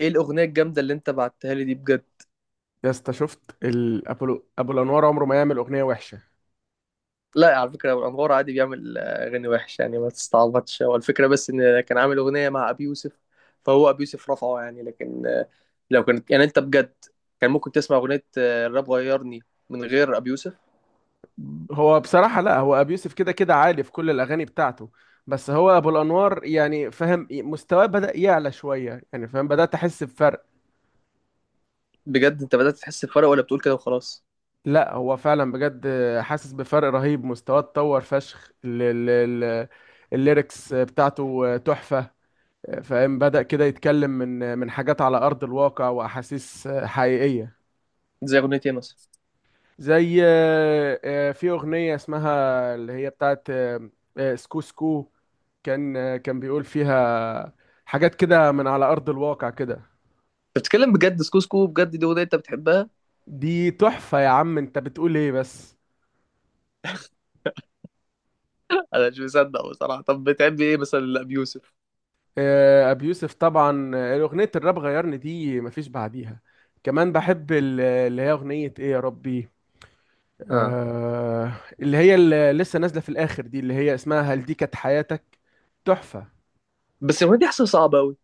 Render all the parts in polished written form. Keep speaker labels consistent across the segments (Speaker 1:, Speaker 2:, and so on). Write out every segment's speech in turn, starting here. Speaker 1: ايه الاغنيه الجامده اللي انت بعتها لي دي بجد؟
Speaker 2: يا اسطى شفت الابولو ابو الانوار عمره ما يعمل اغنيه وحشه.
Speaker 1: لا على فكره، ابو انوار عادي بيعمل اغاني وحش، يعني ما تستعبطش. هو الفكره بس ان كان عامل اغنيه مع ابي يوسف، فهو ابي يوسف رفعه يعني. لكن لو كانت يعني انت بجد كان ممكن تسمع اغنيه الراب غيرني من غير ابي يوسف.
Speaker 2: هو بصراحه، لا هو ابو يوسف كده كده عالي في كل الاغاني بتاعته، بس هو ابو الانوار يعني فاهم مستواه بدا يعلى شويه، يعني فاهم بدات احس بفرق.
Speaker 1: بجد انت بدات تحس بفرق ولا بتقول كده وخلاص؟
Speaker 2: لا هو فعلا بجد حاسس بفرق رهيب، مستواه اتطور فشخ، ال- الليركس بتاعته تحفه. فاهم بدأ كده يتكلم من حاجات على أرض الواقع وأحاسيس حقيقية.
Speaker 1: زي اغنيه ايه مثلا؟
Speaker 2: زي في أغنية اسمها، اللي هي بتاعت سكو سكو، كان بيقول فيها حاجات كده من على أرض الواقع كده.
Speaker 1: أنت بتتكلم بجد؟ سكو سكو بجد دي اغنيه انت بتحبها؟
Speaker 2: دي تحفة يا عم، انت بتقول ايه بس؟
Speaker 1: انا مش مصدق بصراحه. طب بتحب ايه مثلا لابي يوسف؟
Speaker 2: أبي يوسف طبعا، أغنية الراب غيرني دي مفيش بعديها. كمان بحب اللي هي أغنية ايه يا ربي،
Speaker 1: اه.
Speaker 2: آه، اللي هي اللي لسه نازلة في الآخر دي، اللي هي اسمها هل دي كانت حياتك. تحفة.
Speaker 1: بس الاغنيه دي حاسسها صعبه قوي.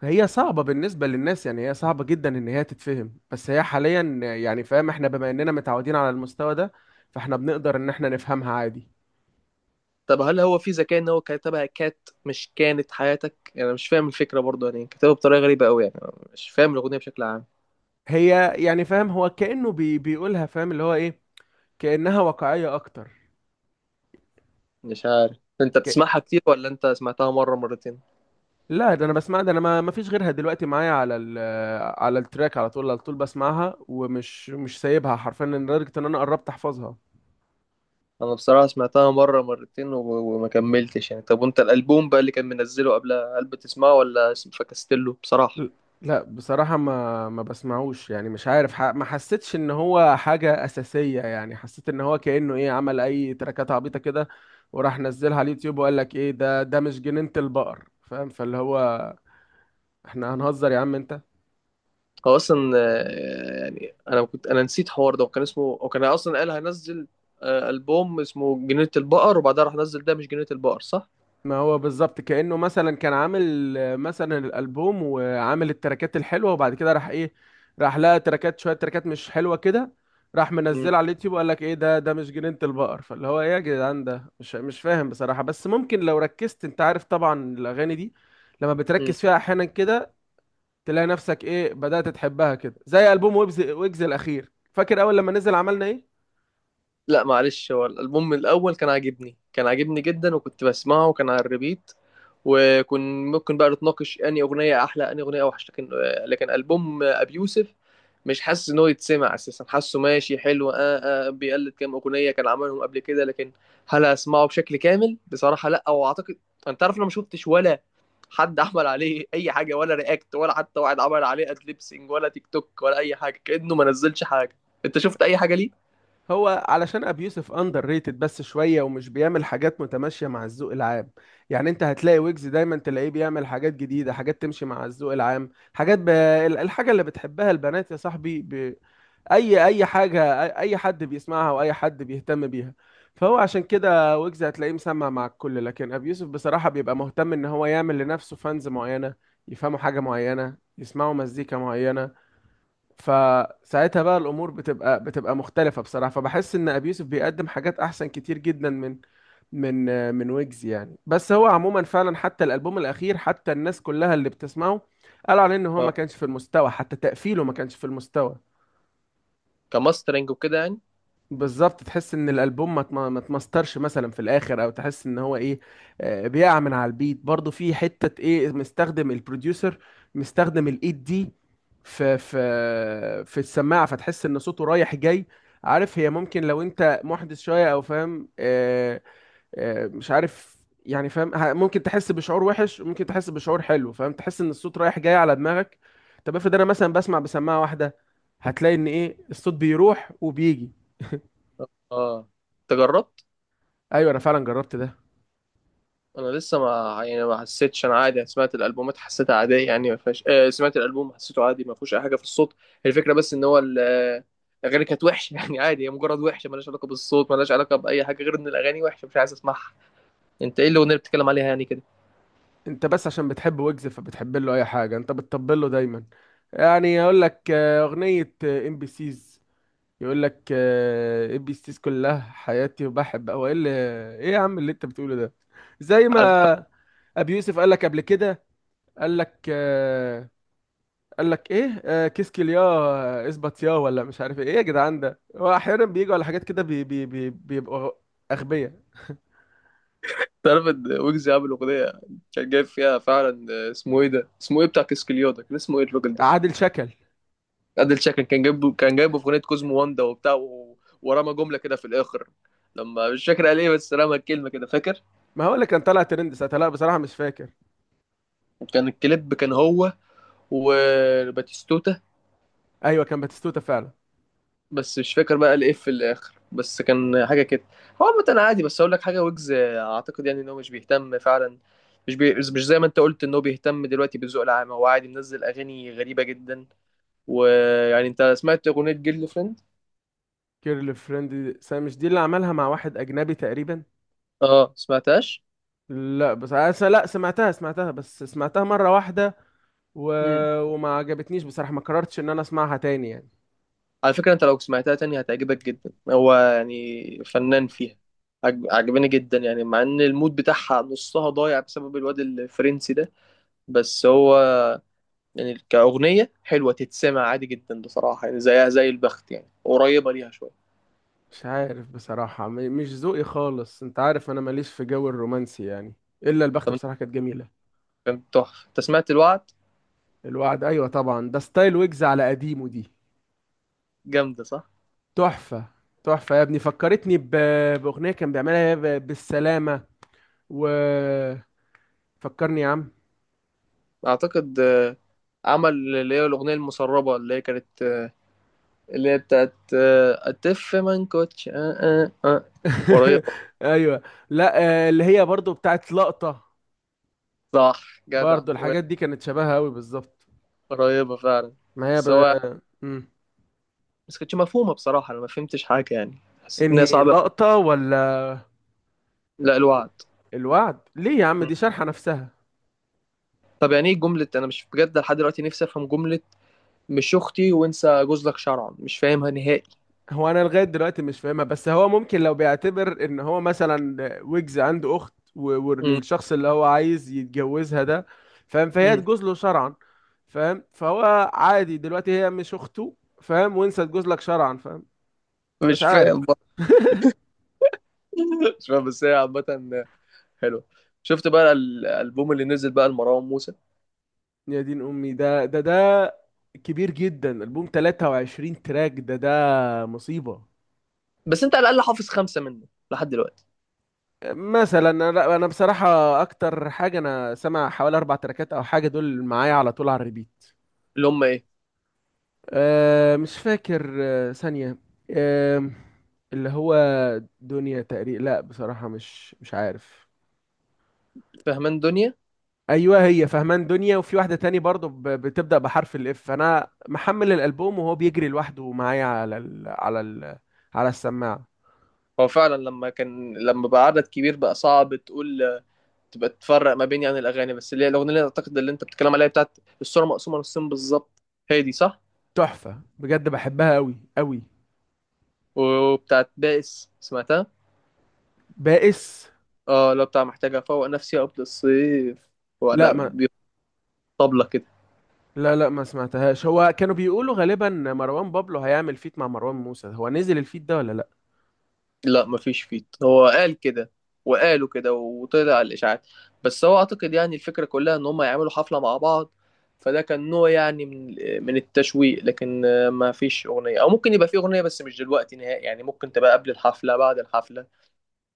Speaker 2: هي صعبة بالنسبة للناس، يعني هي صعبة جدا إن هي تتفهم، بس هي حاليا يعني فاهم إحنا بما إننا متعودين على المستوى ده، فإحنا بنقدر إن إحنا نفهمها عادي.
Speaker 1: طب هل هو في ذكاء ان هو كتبها كات مش كانت حياتك؟ يعني أنا مش فاهم الفكره برضه، يعني كتبها بطريقه غريبه قوي، يعني أنا مش فاهم الاغنيه بشكل عام.
Speaker 2: هي يعني فاهم هو كأنه بيقولها، فاهم اللي هو إيه، كأنها واقعية أكتر.
Speaker 1: مش عارف، انت
Speaker 2: ك...
Speaker 1: بتسمعها كتير ولا انت سمعتها مره مرتين؟
Speaker 2: لا ده أنا بسمع، ده أنا ما فيش غيرها دلوقتي معايا على التراك، على طول على طول بسمعها، ومش مش سايبها حرفيا لدرجة إن أنا قربت أحفظها.
Speaker 1: انا بصراحه سمعتها مره مرتين وما كملتش يعني. طب وانت الالبوم بقى اللي كان منزله قبلها، هل بتسمعه ولا فكست له بصراحه؟
Speaker 2: ل- لا بصراحة ما بسمعوش، يعني مش عارف، ما حسيتش ان هو حاجة اساسية، يعني حسيت ان هو كأنه ايه، عمل اي تراكات عبيطة كده وراح نزلها على اليوتيوب وقال لك ايه ده، ده مش جنينة البقر، فاهم، فاللي هو احنا هنهزر يا عم انت؟
Speaker 1: هو اصلا يعني انا كنت نسيت حوار ده، وكان اسمه، وكان اصلا قال هنزل البوم اسمه جنينه البقر، وبعدها راح نزل ده مش جنينه البقر، صح؟
Speaker 2: ما هو بالظبط كأنه مثلا كان عامل مثلا الألبوم وعامل التراكات الحلوة، وبعد كده راح ايه، راح لقى تراكات، شوية تراكات مش حلوة كده، راح منزلها على اليوتيوب وقال لك ايه ده، ده مش جنينة البقر، فاللي هو ايه يا جدعان، ده مش فاهم بصراحة، بس ممكن لو ركزت، انت عارف طبعا الأغاني دي لما بتركز فيها أحيانا كده تلاقي نفسك ايه، بدأت تحبها كده، زي ألبوم ويجز الأخير، فاكر أول لما نزل عملنا ايه؟
Speaker 1: لا معلش، هو الالبوم الاول كان عاجبني، كان عاجبني جدا وكنت بسمعه وكان على الريبيت، وكن ممكن بقى نتناقش اني اغنيه احلى اني اغنيه اوحش، لكن لكن البوم ابي يوسف مش حاسس ان هو يتسمع اساسا. حاسه ماشي حلو، بيقلد كام اغنيه كان عملهم قبل كده، لكن هل اسمعه بشكل كامل بصراحه لا. واعتقد انت عارف، انا ما شفتش ولا حد عمل عليه اي حاجه، ولا رياكت، ولا حتى واحد عمل عليه ادليبسينج، ولا تيك توك، ولا اي حاجه. كانه ما نزلش حاجه. انت شفت اي حاجه ليه؟
Speaker 2: هو علشان ابي يوسف اندر ريتد بس شويه، ومش بيعمل حاجات متماشيه مع الذوق العام، يعني انت هتلاقي ويجز دايما تلاقيه بيعمل حاجات جديده، حاجات تمشي مع الذوق العام، حاجات الحاجه اللي بتحبها البنات يا صاحبي، اي حاجه، أي حد بيسمعها واي حد بيهتم بيها. فهو عشان كده ويجز هتلاقيه مسمع مع الكل، لكن ابي يوسف بصراحه بيبقى مهتم ان هو يعمل لنفسه فانز معينه، يفهموا حاجه معينه، يسمعوا مزيكا معينه، فساعتها بقى الامور بتبقى مختلفه بصراحه، فبحس ان ابي يوسف بيقدم حاجات احسن كتير جدا من من ويجز يعني. بس هو عموما فعلا حتى الالبوم الاخير، حتى الناس كلها اللي بتسمعه قالوا عليه ان هو ما كانش في المستوى، حتى تقفيله ما كانش في المستوى.
Speaker 1: كماسترنج وكده يعني.
Speaker 2: بالظبط تحس ان الالبوم ما اتمسترش مثلا في الاخر، او تحس ان هو ايه، بيقع من على البيت برضه في حته ايه، مستخدم البروديوسر، مستخدم الايد دي في السماعه، فتحس ان صوته رايح جاي. عارف، هي ممكن لو انت محدث شويه، او فاهم مش عارف، يعني فاهم ممكن تحس بشعور وحش، وممكن تحس بشعور حلو، فاهم تحس ان الصوت رايح جاي على دماغك. طب افرض انا مثلا بسمع بسماعه واحده، هتلاقي ان ايه، الصوت بيروح وبيجي.
Speaker 1: اه، انت جربت؟
Speaker 2: ايوه انا فعلا جربت ده.
Speaker 1: انا لسه ما يعني ما حسيتش، انا عادي سمعت الالبومات حسيتها عاديه، يعني ما فيهاش سمعت الالبوم حسيته عادي، ما فيهوش اي حاجه في الصوت. الفكره بس ان هو الاغاني كانت وحشه يعني، عادي، هي مجرد وحشه، مالهاش علاقه بالصوت، مالهاش علاقه باي حاجه غير ان الاغاني وحشه، مش عايز اسمعها. انت ايه الاغنيه اللي بتتكلم عليها يعني كده؟
Speaker 2: انت بس عشان بتحب ويجز فبتحب له اي حاجه، انت بتطبل له دايما، يعني يقول لك اغنيه ام بي سيز، يقول لك ام بي سيز كلها حياتي وبحب، او ايه اللي، ايه يا عم اللي انت بتقوله ده؟ زي
Speaker 1: عارف
Speaker 2: ما ابي يوسف قال لك قبل كده، قال لك آه، قال لك ايه، كيس كليا، اثبت يا ولا، مش عارف ايه، ايه يا جدعان ده، هو احيانا بيجوا على حاجات كده بي بي بي بيبقوا اغبياء.
Speaker 1: تعرف ان ويجز عامل اغنيه كان جايب فيها فعلا اسمه ايه ده، اسمه ايه بتاع كسكليودا، كان اسمه ايه الراجل ده؟
Speaker 2: عادل شكل.
Speaker 1: ادل شكل. كان جايبه، كان جايبه في اغنيه كوزمو واندا وبتاع ورمى جمله كده في الاخر. لما مش فاكر قال ايه، بس رمى الكلمه كده فاكر.
Speaker 2: ما هو اللي كان طالع ترند ساعتها، لا بصراحه مش فاكر.
Speaker 1: وكان الكليب كان هو وباتيستوتا.
Speaker 2: ايوه كان باتيستوتا فعلا.
Speaker 1: بس مش فاكر بقى قال ايه في الاخر، بس كان حاجه كده. هو عامه انا عادي، بس اقول لك حاجه، ويجز اعتقد يعني ان هو مش بيهتم فعلا. مش زي ما انت قلت ان هو بيهتم دلوقتي بالذوق العام. هو عادي منزل اغاني غريبه جدا. ويعني انت سمعت اغنيه جيرل فريند؟
Speaker 2: كيرل فريند، مش دي اللي عملها مع واحد اجنبي تقريبا؟
Speaker 1: اه، سمعتهاش.
Speaker 2: لا بس، لا سمعتها، سمعتها بس سمعتها مره واحده و...
Speaker 1: مم.
Speaker 2: وما عجبتنيش بصراحه، ما قررتش ان انا اسمعها تاني يعني.
Speaker 1: على فكرة انت لو سمعتها تاني هتعجبك جدا، هو يعني فنان فيها. عجباني جدا يعني، مع ان المود بتاعها نصها ضايع بسبب الواد الفرنسي ده. بس هو يعني كأغنية حلوة تتسمع عادي جدا بصراحة، يعني زيها زي البخت، يعني قريبة ليها شوية.
Speaker 2: مش عارف بصراحه، مش ذوقي خالص، انت عارف انا ماليش في جو الرومانسي يعني، الا البخت
Speaker 1: طب انت
Speaker 2: بصراحه كانت جميله.
Speaker 1: كان تحفة، انت سمعت الوعد؟
Speaker 2: الوعد، ايوه طبعا ده ستايل ويجز على قديمه دي،
Speaker 1: جامدة، صح؟
Speaker 2: تحفه. تحفه يا ابني، فكرتني باغنيه كان بيعملها بالسلامه، و فكرني يا عم.
Speaker 1: اعتقد عمل اللي هي الأغنية المسربة اللي هي كانت اللي هي بتاعت أتف منكوتش آه آه قريبة.
Speaker 2: ايوه. لا اللي هي برضو بتاعت لقطة،
Speaker 1: صح جدع،
Speaker 2: برضو الحاجات دي كانت شبهها قوي بالظبط.
Speaker 1: قريبة فعلا.
Speaker 2: ما هي
Speaker 1: بس هو،
Speaker 2: مم.
Speaker 1: بس كانتش مفهومة بصراحة، أنا ما فهمتش حاجة يعني، حسيت إن هي
Speaker 2: انهي
Speaker 1: صعبة.
Speaker 2: لقطة، ولا
Speaker 1: لا الوعد.
Speaker 2: الوعد؟ ليه يا عم،
Speaker 1: م.
Speaker 2: دي شارحة نفسها.
Speaker 1: طب يعني إيه جملة، أنا مش بجد لحد دلوقتي نفسي أفهم جملة مش أختي وانسى جوزلك شرعا، مش فاهمها نهائي.
Speaker 2: هو انا لغاية دلوقتي مش فاهمها، بس هو ممكن لو بيعتبر ان هو مثلا ويجز عنده اخت،
Speaker 1: م.
Speaker 2: والشخص اللي هو عايز يتجوزها ده، فاهم، فهي
Speaker 1: م.
Speaker 2: تجوز له شرعا، فاهم، فهو عادي دلوقتي هي مش اخته، فاهم، وانسى تجوز لك شرعا، فاهم. مش
Speaker 1: مش فاهم
Speaker 2: عارف.
Speaker 1: بقى. مش فاهم، بس هي عامة حلوة. شفت بقى الألبوم اللي نزل بقى لمروان موسى؟
Speaker 2: يا دين امي، ده كبير جدا، البوم 23 تراك، ده مصيبة.
Speaker 1: بس أنت على الأقل حافظ 5 منه لحد دلوقتي.
Speaker 2: مثلا انا، لا، انا بصراحة اكتر حاجة انا سامع حوالي اربع تراكات او حاجة، دول معايا على طول على الريبيت.
Speaker 1: اللي هم إيه؟
Speaker 2: أه مش فاكر، أه ثانية، أه، اللي هو دنيا تقريبا، لا بصراحة مش عارف.
Speaker 1: فهمان دنيا.
Speaker 2: ايوه هي فهمان دنيا، وفي واحدة تاني برضو بتبدأ بحرف الاف، انا محمل الالبوم وهو بيجري لوحده معايا على السماعة.
Speaker 1: هو فعلا لما كان لما بقى عدد كبير بقى صعب تقول، تبقى تفرق ما بين يعني الاغاني. بس اللي هي الاغنيه اللي اعتقد اللي انت بتتكلم عليها بتاعت الصوره مقسومه نصين بالظبط، هي دي، صح؟
Speaker 2: تحفة بجد بحبها قوي قوي.
Speaker 1: وبتاعت بائس سمعتها؟
Speaker 2: بائس،
Speaker 1: اه لو بتاع محتاجه افوق نفسي قبل الصيف.
Speaker 2: لا
Speaker 1: وانا
Speaker 2: ما،
Speaker 1: طبلة كده.
Speaker 2: لا لا ما سمعتهاش. هو كانوا بيقولوا غالبا مروان بابلو هيعمل فيت مع مروان موسى، هو نزل الفيت ده ولا لا؟
Speaker 1: لا مفيش فيت، هو قال كده وقالوا كده وطلع على الاشاعات. بس هو اعتقد يعني الفكره كلها ان هم يعملوا حفله مع بعض، فده كان نوع يعني من من التشويق. لكن ما فيش اغنيه، او ممكن يبقى في اغنيه بس مش دلوقتي نهائي، يعني ممكن تبقى قبل الحفله بعد الحفله،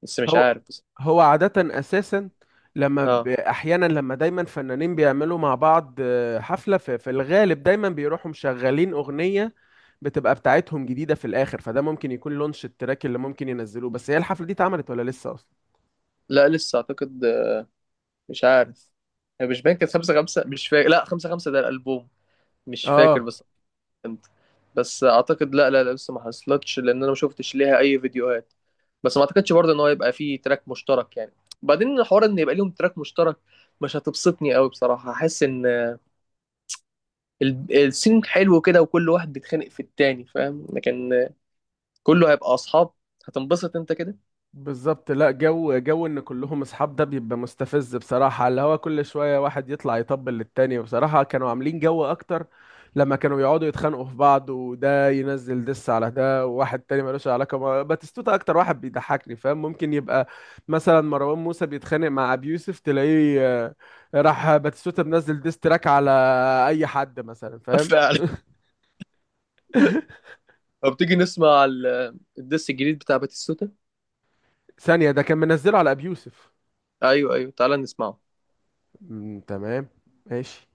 Speaker 1: بس مش
Speaker 2: هو
Speaker 1: عارف.
Speaker 2: هو عادة اساسا لما
Speaker 1: اه.
Speaker 2: احيانا، لما دايما فنانين بيعملوا مع بعض حفلة، في الغالب دايما بيروحوا مشغلين اغنية بتبقى بتاعتهم جديدة في الاخر، فده ممكن يكون لونش التراك اللي ممكن ينزلوه، بس هي الحفلة دي اتعملت ولا لسه اصلا؟
Speaker 1: لا لسه اعتقد، مش عارف. هي مش باين كانت 5-5، مش فاكر، لا 5-5 ده الألبوم، مش فاكر
Speaker 2: اه،
Speaker 1: بس. انت بس اعتقد لا لسه ما حصلتش، لان انا ما شفتش ليها اي فيديوهات. بس ما اعتقدش برضه ان هو يبقى فيه تراك مشترك يعني، بعدين الحوار ان يبقى ليهم تراك مشترك مش هتبسطني قوي بصراحة. احس ان السين حلو كده وكل واحد بيتخانق في التاني، فاهم؟ لكن كله هيبقى اصحاب، هتنبسط انت كده؟
Speaker 2: بالظبط. لا، جو جو ان كلهم اصحاب ده بيبقى مستفز بصراحة، اللي هو كل شوية واحد يطلع يطبل للتاني، وبصراحة كانوا عاملين جو اكتر لما كانوا يقعدوا يتخانقوا في بعض، وده ينزل دس على ده، وواحد تاني ملوش علاقة، باتيستوتا اكتر واحد بيضحكني، فاهم؟ ممكن يبقى مثلا مروان موسى بيتخانق مع ابي يوسف، تلاقيه راح باتيستوتا منزل ديس تراك على اي حد مثلا، فاهم.
Speaker 1: فعلا. طب تيجي نسمع الدس الجديد بتاع باتيستوتا؟
Speaker 2: ثانية، ده كان منزله على ابي يوسف.
Speaker 1: ايوه ايوه، تعالى نسمعه.
Speaker 2: مم، تمام. ماشي.